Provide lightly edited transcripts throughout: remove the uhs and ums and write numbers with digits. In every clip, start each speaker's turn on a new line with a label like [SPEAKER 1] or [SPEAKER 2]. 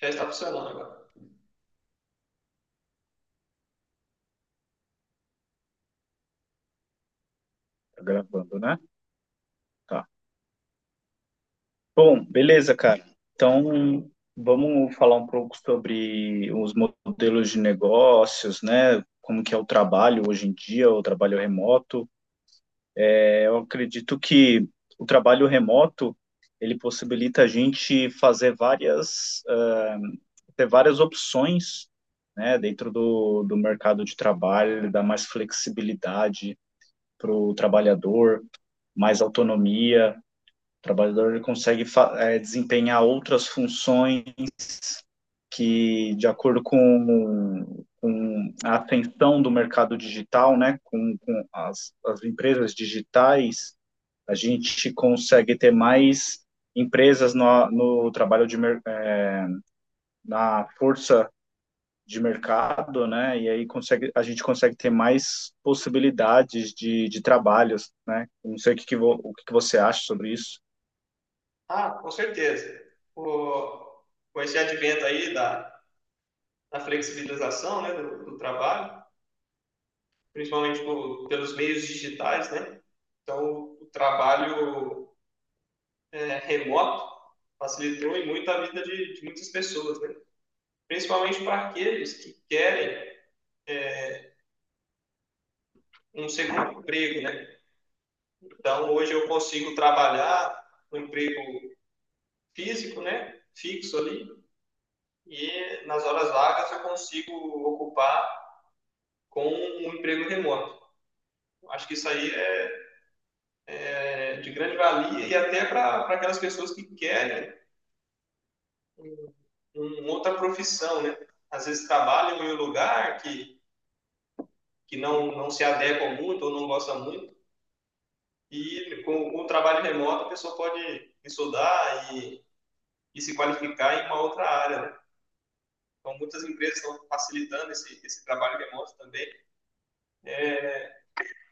[SPEAKER 1] Já está funcionando agora.
[SPEAKER 2] Tá gravando, né? Tá. Bom, beleza, cara. Então, vamos falar um pouco sobre os modelos de negócios, né? Como que é o trabalho hoje em dia, o trabalho remoto. É, eu acredito que o trabalho remoto, ele possibilita a gente fazer ter várias opções, né? Dentro do mercado de trabalho, ele dá mais flexibilidade para o trabalhador, mais autonomia. O trabalhador, ele consegue, desempenhar outras funções que, de acordo com a atenção do mercado digital, né, com as empresas digitais. A gente consegue ter mais empresas no trabalho de, é, na força de mercado, né? E aí a gente consegue ter mais possibilidades de trabalhos, né? Não sei o que você acha sobre isso.
[SPEAKER 1] Ah, com certeza. O, com esse advento aí da flexibilização, né, do trabalho, principalmente pelos meios digitais, né? Então, o trabalho, remoto, facilitou em muito a vida de muitas pessoas, né? Principalmente para aqueles que querem, é, um segundo emprego, né? Então, hoje eu consigo trabalhar no emprego físico, né? Fixo ali. E nas horas vagas eu consigo ocupar com um emprego remoto. Acho que isso aí é de grande valia, e até para aquelas pessoas que querem uma outra profissão, né? Às vezes trabalham em um lugar que não se adequam muito ou não gostam muito, e com o trabalho remoto a pessoa pode estudar e se qualificar em uma outra área, né? Então, muitas empresas estão facilitando esse trabalho remoto também.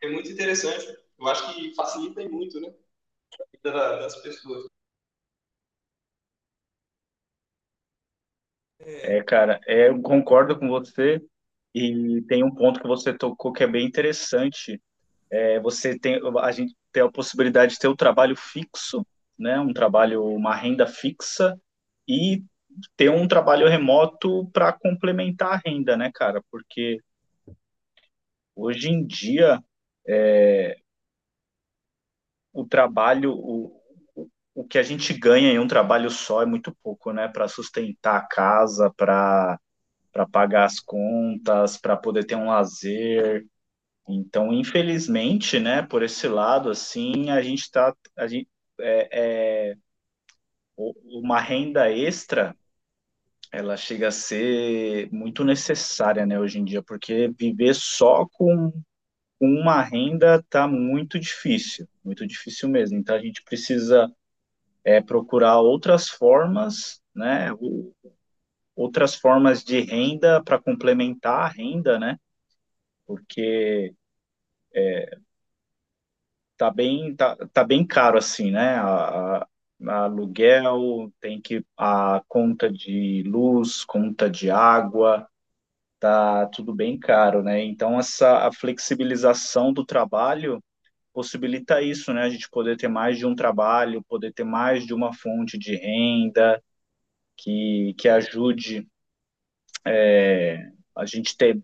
[SPEAKER 1] É muito interessante. Eu acho que facilita muito, né? A vida das pessoas.
[SPEAKER 2] É, cara, eu concordo com você e tem um ponto que você tocou que é bem interessante. É, a gente tem a possibilidade de ter um trabalho fixo, né? Um trabalho, uma renda fixa e ter um trabalho remoto para complementar a renda, né, cara? Porque hoje em dia, o trabalho, o o que a gente ganha em um trabalho só é muito pouco, né? Para sustentar a casa, para pagar as contas, para poder ter um lazer. Então, infelizmente, né, por esse lado, assim, a gente tá, a gente, o- uma renda extra, ela chega a ser muito necessária, né, hoje em dia, porque viver só com uma renda tá muito difícil mesmo. Então, a gente precisa, procurar outras formas, né, outras formas de renda para complementar a renda, né, porque tá bem caro assim, né? A aluguel, tem que a conta de luz, conta de água, tá tudo bem caro, né? Então essa a flexibilização do trabalho possibilita isso, né? A gente poder ter mais de um trabalho, poder ter mais de uma fonte de renda que ajude, é, a gente ter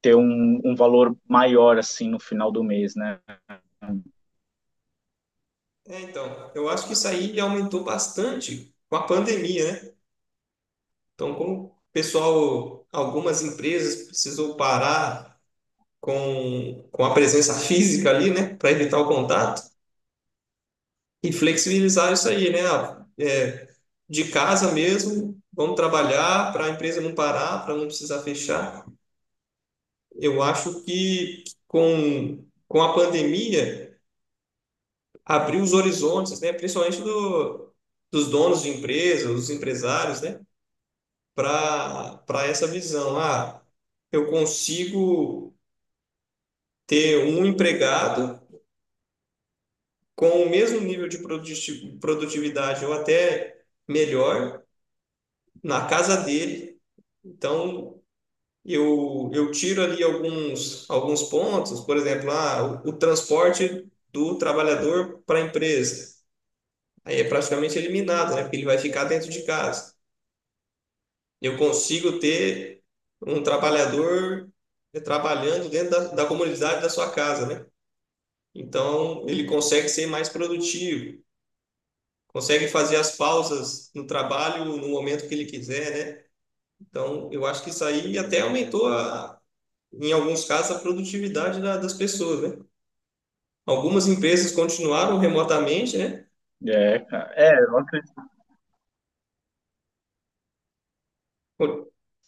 [SPEAKER 2] ter um valor maior assim no final do mês, né?
[SPEAKER 1] É, então, eu acho que isso aí aumentou bastante com a pandemia, né? Então, como o pessoal, algumas empresas precisou parar com a presença física ali, né, para evitar o contato e flexibilizar isso aí, né? Ah, de casa mesmo, vamos trabalhar para a empresa não parar, para não precisar fechar. Eu acho que com a pandemia abriu os horizontes, né? Principalmente dos donos de empresas, os empresários, né? Para essa visão. Ah, eu consigo ter um empregado com o mesmo nível de produtividade, ou até melhor, na casa dele. Então, eu tiro ali alguns pontos. Por exemplo, o transporte do trabalhador para a empresa. Aí é praticamente eliminado, né? Porque ele vai ficar dentro de casa. Eu consigo ter um trabalhador trabalhando dentro da comunidade da sua casa, né? Então, ele consegue ser mais produtivo, consegue fazer as pausas no trabalho no momento que ele quiser, né? Então, eu acho que isso aí até aumentou, em alguns casos, a produtividade das pessoas, né? Algumas empresas continuaram remotamente, né?
[SPEAKER 2] É, cara. Eu acredito.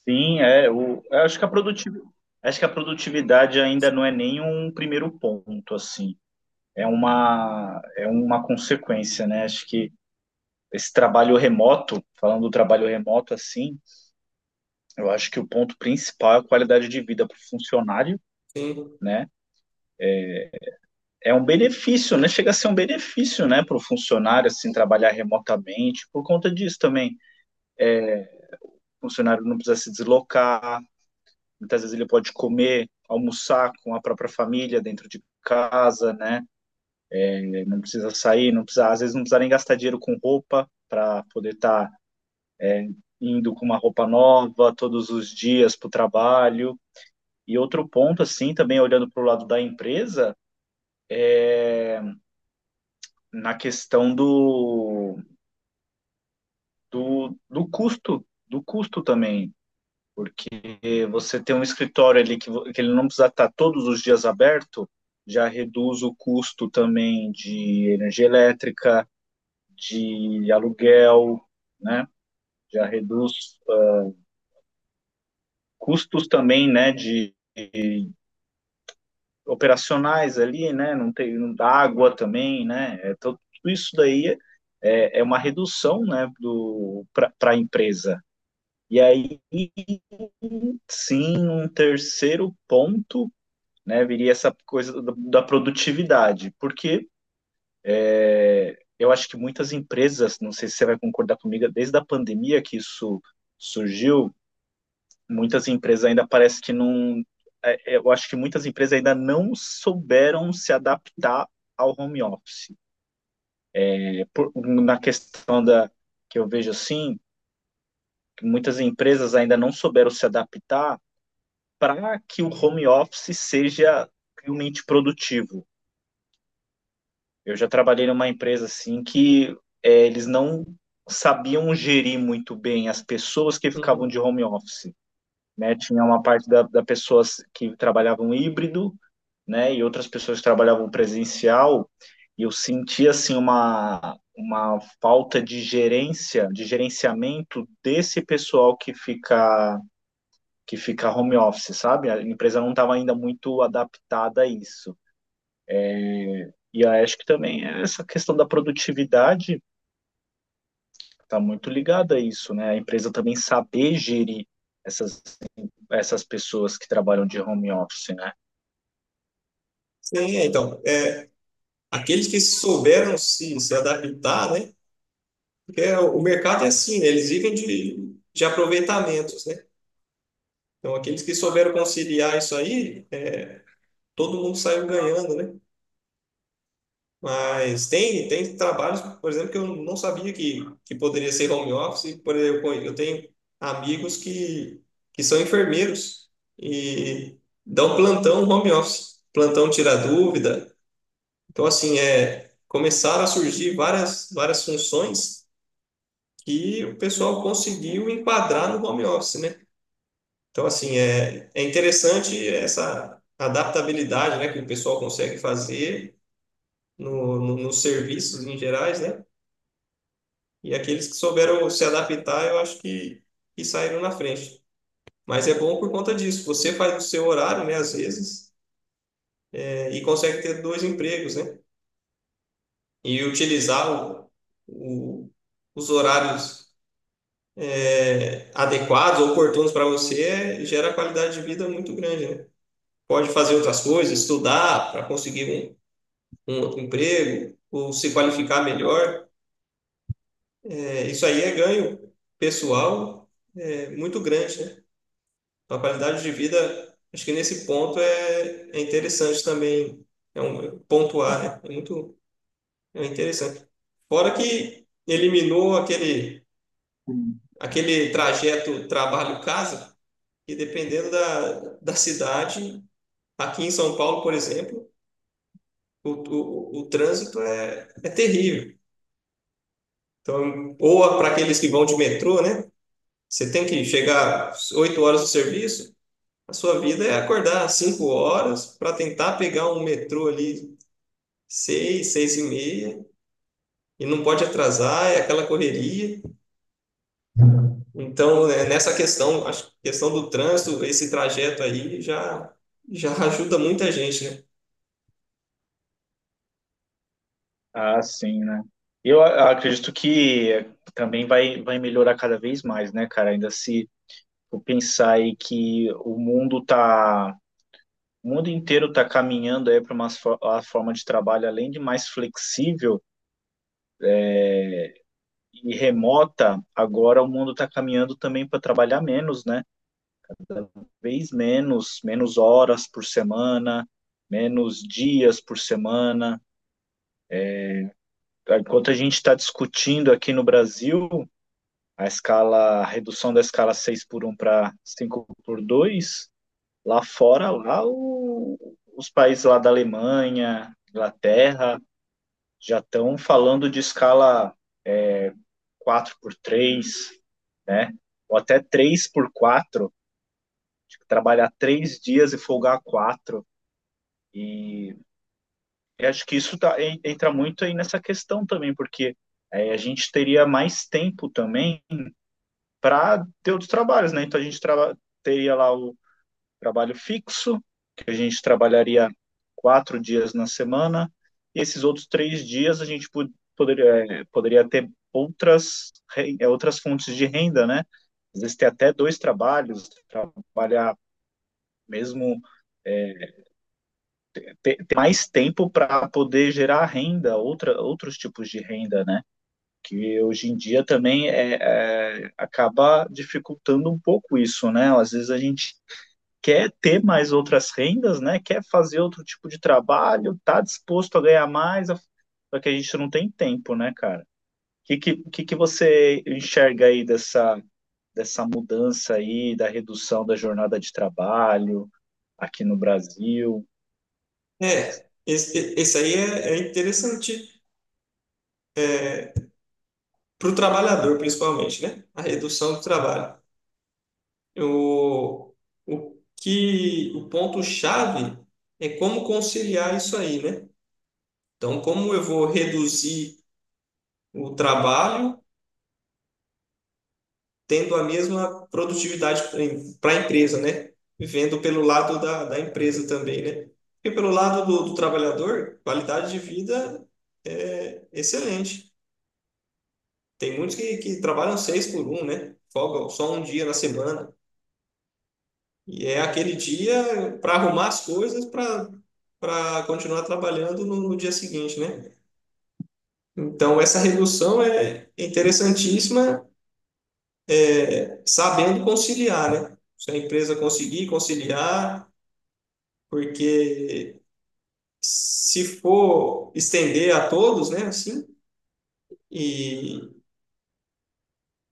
[SPEAKER 2] Sim, é. Eu acho que a produtividade ainda não é nem um primeiro ponto, assim. É uma consequência, né? Acho que esse trabalho remoto, falando do trabalho remoto assim, eu acho que o ponto principal é a qualidade de vida para o funcionário,
[SPEAKER 1] Sim.
[SPEAKER 2] né? É um benefício, né? Chega a ser um benefício, né, para o funcionário, assim, trabalhar remotamente, por conta disso também. O funcionário não precisa se deslocar. Muitas vezes ele pode comer, almoçar com a própria família dentro de casa, né? Ele não precisa sair, não precisa, às vezes não precisa nem gastar dinheiro com roupa para poder estar indo com uma roupa nova todos os dias para o trabalho. E outro ponto, assim, também olhando para o lado da empresa, na questão do custo também, porque você ter um escritório ali que ele não precisa estar todos os dias aberto, já reduz o custo também de energia elétrica, de aluguel, né? Já reduz, custos também, né? De operacionais ali, né? Não tem água também, né? É, tudo isso daí é uma redução, né, do, para a empresa. E aí, sim, um terceiro ponto, né, viria essa coisa da produtividade, porque eu acho que muitas empresas, não sei se você vai concordar comigo, desde a pandemia que isso surgiu, muitas empresas ainda parece que não. Eu acho que muitas empresas ainda não souberam se adaptar ao home office. É, na questão da, que eu vejo assim, muitas empresas ainda não souberam se adaptar para que o home office seja realmente produtivo. Eu já trabalhei numa empresa assim que, eles não sabiam gerir muito bem as pessoas que ficavam
[SPEAKER 1] Uhum.
[SPEAKER 2] de home office. Né? Tinha uma parte da pessoas que trabalhavam híbrido, né? E outras pessoas que trabalhavam presencial. E eu senti assim uma falta de gerência, de gerenciamento desse pessoal que fica, home office, sabe? A empresa não estava ainda muito adaptada a isso. E eu acho que também é essa questão da produtividade, está muito ligada a isso, né? A empresa também saber gerir essas, essas pessoas que trabalham de home office, né?
[SPEAKER 1] Sim, é, então, é, aqueles que souberam se adaptar, né? É, o mercado é assim, né? Eles vivem de aproveitamentos, né? Então, aqueles que souberam conciliar isso aí, né, todo mundo saiu ganhando, né? Mas tem trabalhos, por exemplo, que eu não sabia que poderia ser home office. Por exemplo, eu tenho amigos que são enfermeiros e dão plantão home office, plantão tira dúvida. Então, assim, começaram a surgir várias, várias funções que o pessoal conseguiu enquadrar no home office, né? Então, assim, é, interessante essa adaptabilidade, né, que o pessoal consegue fazer nos serviços em gerais, né? E aqueles que souberam se adaptar, eu acho que saíram na frente. Mas é bom por conta disso. Você faz o seu horário, né, às vezes, e consegue ter dois empregos, né? E utilizar o- os horários, adequados ou oportunos para você, gera qualidade de vida muito grande, né? Pode fazer outras coisas, estudar para conseguir um outro emprego, ou se qualificar melhor. É, isso aí é ganho pessoal, muito grande, né? A qualidade de vida, acho que nesse ponto é interessante também, é pontuar, né? É muito é interessante. Fora que eliminou
[SPEAKER 2] Sim.
[SPEAKER 1] aquele trajeto trabalho-casa, que, dependendo da cidade, aqui em São Paulo, por exemplo, o trânsito é terrível. Então, ou para aqueles que vão de metrô, né? Você tem que chegar 8 horas do serviço, a sua vida é acordar 5 horas para tentar pegar um metrô ali seis, 6 e meia, e não pode atrasar, é aquela correria. Então, né, nessa questão, a questão do trânsito, esse trajeto aí já ajuda muita gente, né?
[SPEAKER 2] Ah, sim, né? Eu acredito que também vai, melhorar cada vez mais, né, cara? Ainda se eu pensar aí que o mundo tá, o mundo inteiro tá caminhando aí para a forma de trabalho além de mais flexível e remota, agora o mundo tá caminhando também para trabalhar menos, né? Vez menos, menos horas por semana, menos dias por semana. Enquanto a gente está discutindo aqui no Brasil a escala, a redução da escala 6x1 para 5x2, lá fora, os países lá da Alemanha, Inglaterra, já estão falando de escala 4x3, né? Ou até 3x4, tipo, trabalhar 3 dias e folgar quatro. E eu acho que isso tá, entra muito aí nessa questão também, porque a gente teria mais tempo também para ter outros trabalhos, né? Então a gente teria lá o trabalho fixo, que a gente trabalharia 4 dias na semana, e esses outros 3 dias a gente poderia, poderia ter outras, outras fontes de renda, né? Às vezes ter até dois trabalhos, trabalhar mesmo, ter, mais tempo para poder gerar renda, outros tipos de renda, né? Que hoje em dia também acaba dificultando um pouco isso, né? Às vezes a gente quer ter mais outras rendas, né? Quer fazer outro tipo de trabalho, tá disposto a ganhar mais, só que a gente não tem tempo, né, cara? O que você enxerga aí dessa mudança aí, da redução da jornada de trabalho aqui no Brasil? Que que,
[SPEAKER 1] É, esse aí é interessante para o trabalhador, principalmente, né? A redução do trabalho. O, o ponto-chave é como conciliar isso aí, né? Então, como eu vou reduzir o trabalho tendo a mesma produtividade para a empresa, né? Vendo pelo lado da empresa também, né? E pelo lado do trabalhador, qualidade de vida é excelente. Tem muitos que trabalham 6x1, né? Folga só um dia na semana. E é aquele dia para arrumar as coisas para continuar trabalhando no dia seguinte, né? Então, essa redução é interessantíssima, sabendo conciliar, né? Se a empresa conseguir conciliar, porque, se for estender a todos, né, assim, e,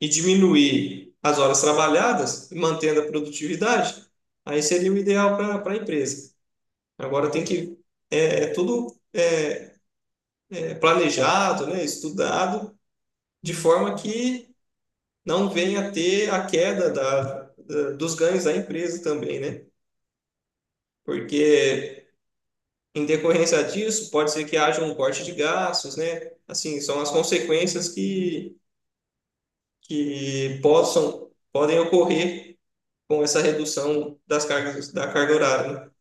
[SPEAKER 1] e diminuir as horas trabalhadas, mantendo a produtividade, aí seria o ideal para a empresa. Agora tem que, é tudo planejado, né, estudado, de forma que não venha a ter a queda dos ganhos da empresa também, né? Porque, em decorrência disso, pode ser que haja um corte de gastos, né? Assim, são as consequências que podem ocorrer com essa redução das cargas, da carga horária, né?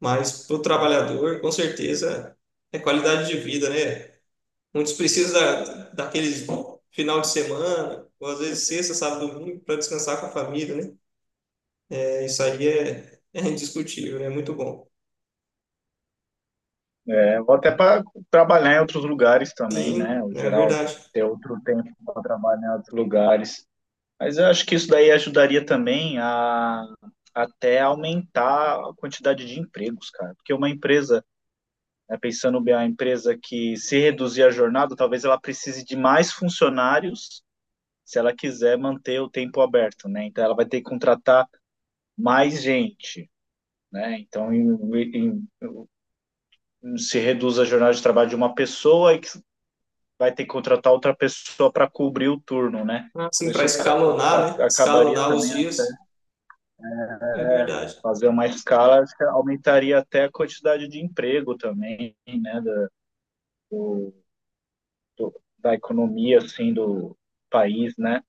[SPEAKER 1] Mas para o trabalhador, com certeza, é qualidade de vida, né? Muitos precisam daqueles final de semana, ou às vezes sexta, sábado, domingo, para descansar com a família, né? É, isso aí é indiscutível, é muito bom.
[SPEAKER 2] Vou até para trabalhar em outros lugares também, né?
[SPEAKER 1] Sim,
[SPEAKER 2] O
[SPEAKER 1] né, é
[SPEAKER 2] geral,
[SPEAKER 1] verdade.
[SPEAKER 2] ter outro tempo para trabalhar em outros lugares. Mas eu acho que isso daí ajudaria também a até aumentar a quantidade de empregos, cara. Porque uma empresa, né, pensando bem, a empresa que se reduzir a jornada, talvez ela precise de mais funcionários se ela quiser manter o tempo aberto, né? Então ela vai ter que contratar mais gente, né? Então se reduz a jornada de trabalho de uma pessoa e que vai ter que contratar outra pessoa para cobrir o turno, né? Então,
[SPEAKER 1] Assim, para
[SPEAKER 2] isso
[SPEAKER 1] escalonar, né?
[SPEAKER 2] acabaria
[SPEAKER 1] Escalonar os
[SPEAKER 2] também
[SPEAKER 1] dias, é verdade.
[SPEAKER 2] fazer uma escala, acho que aumentaria até a quantidade de emprego também, né, do, da economia, assim, do país, né?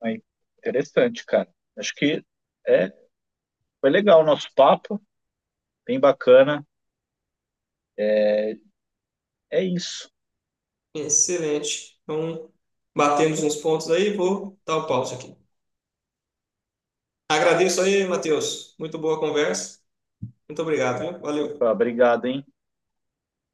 [SPEAKER 2] Mas interessante, cara. Acho que, é, foi legal o nosso papo, bem bacana. É isso.
[SPEAKER 1] Excelente. Então, batemos uns pontos aí, vou dar o pause aqui. Agradeço aí, Matheus. Muito boa conversa. Muito obrigado, viu?
[SPEAKER 2] Tá,
[SPEAKER 1] Valeu.
[SPEAKER 2] obrigado, hein?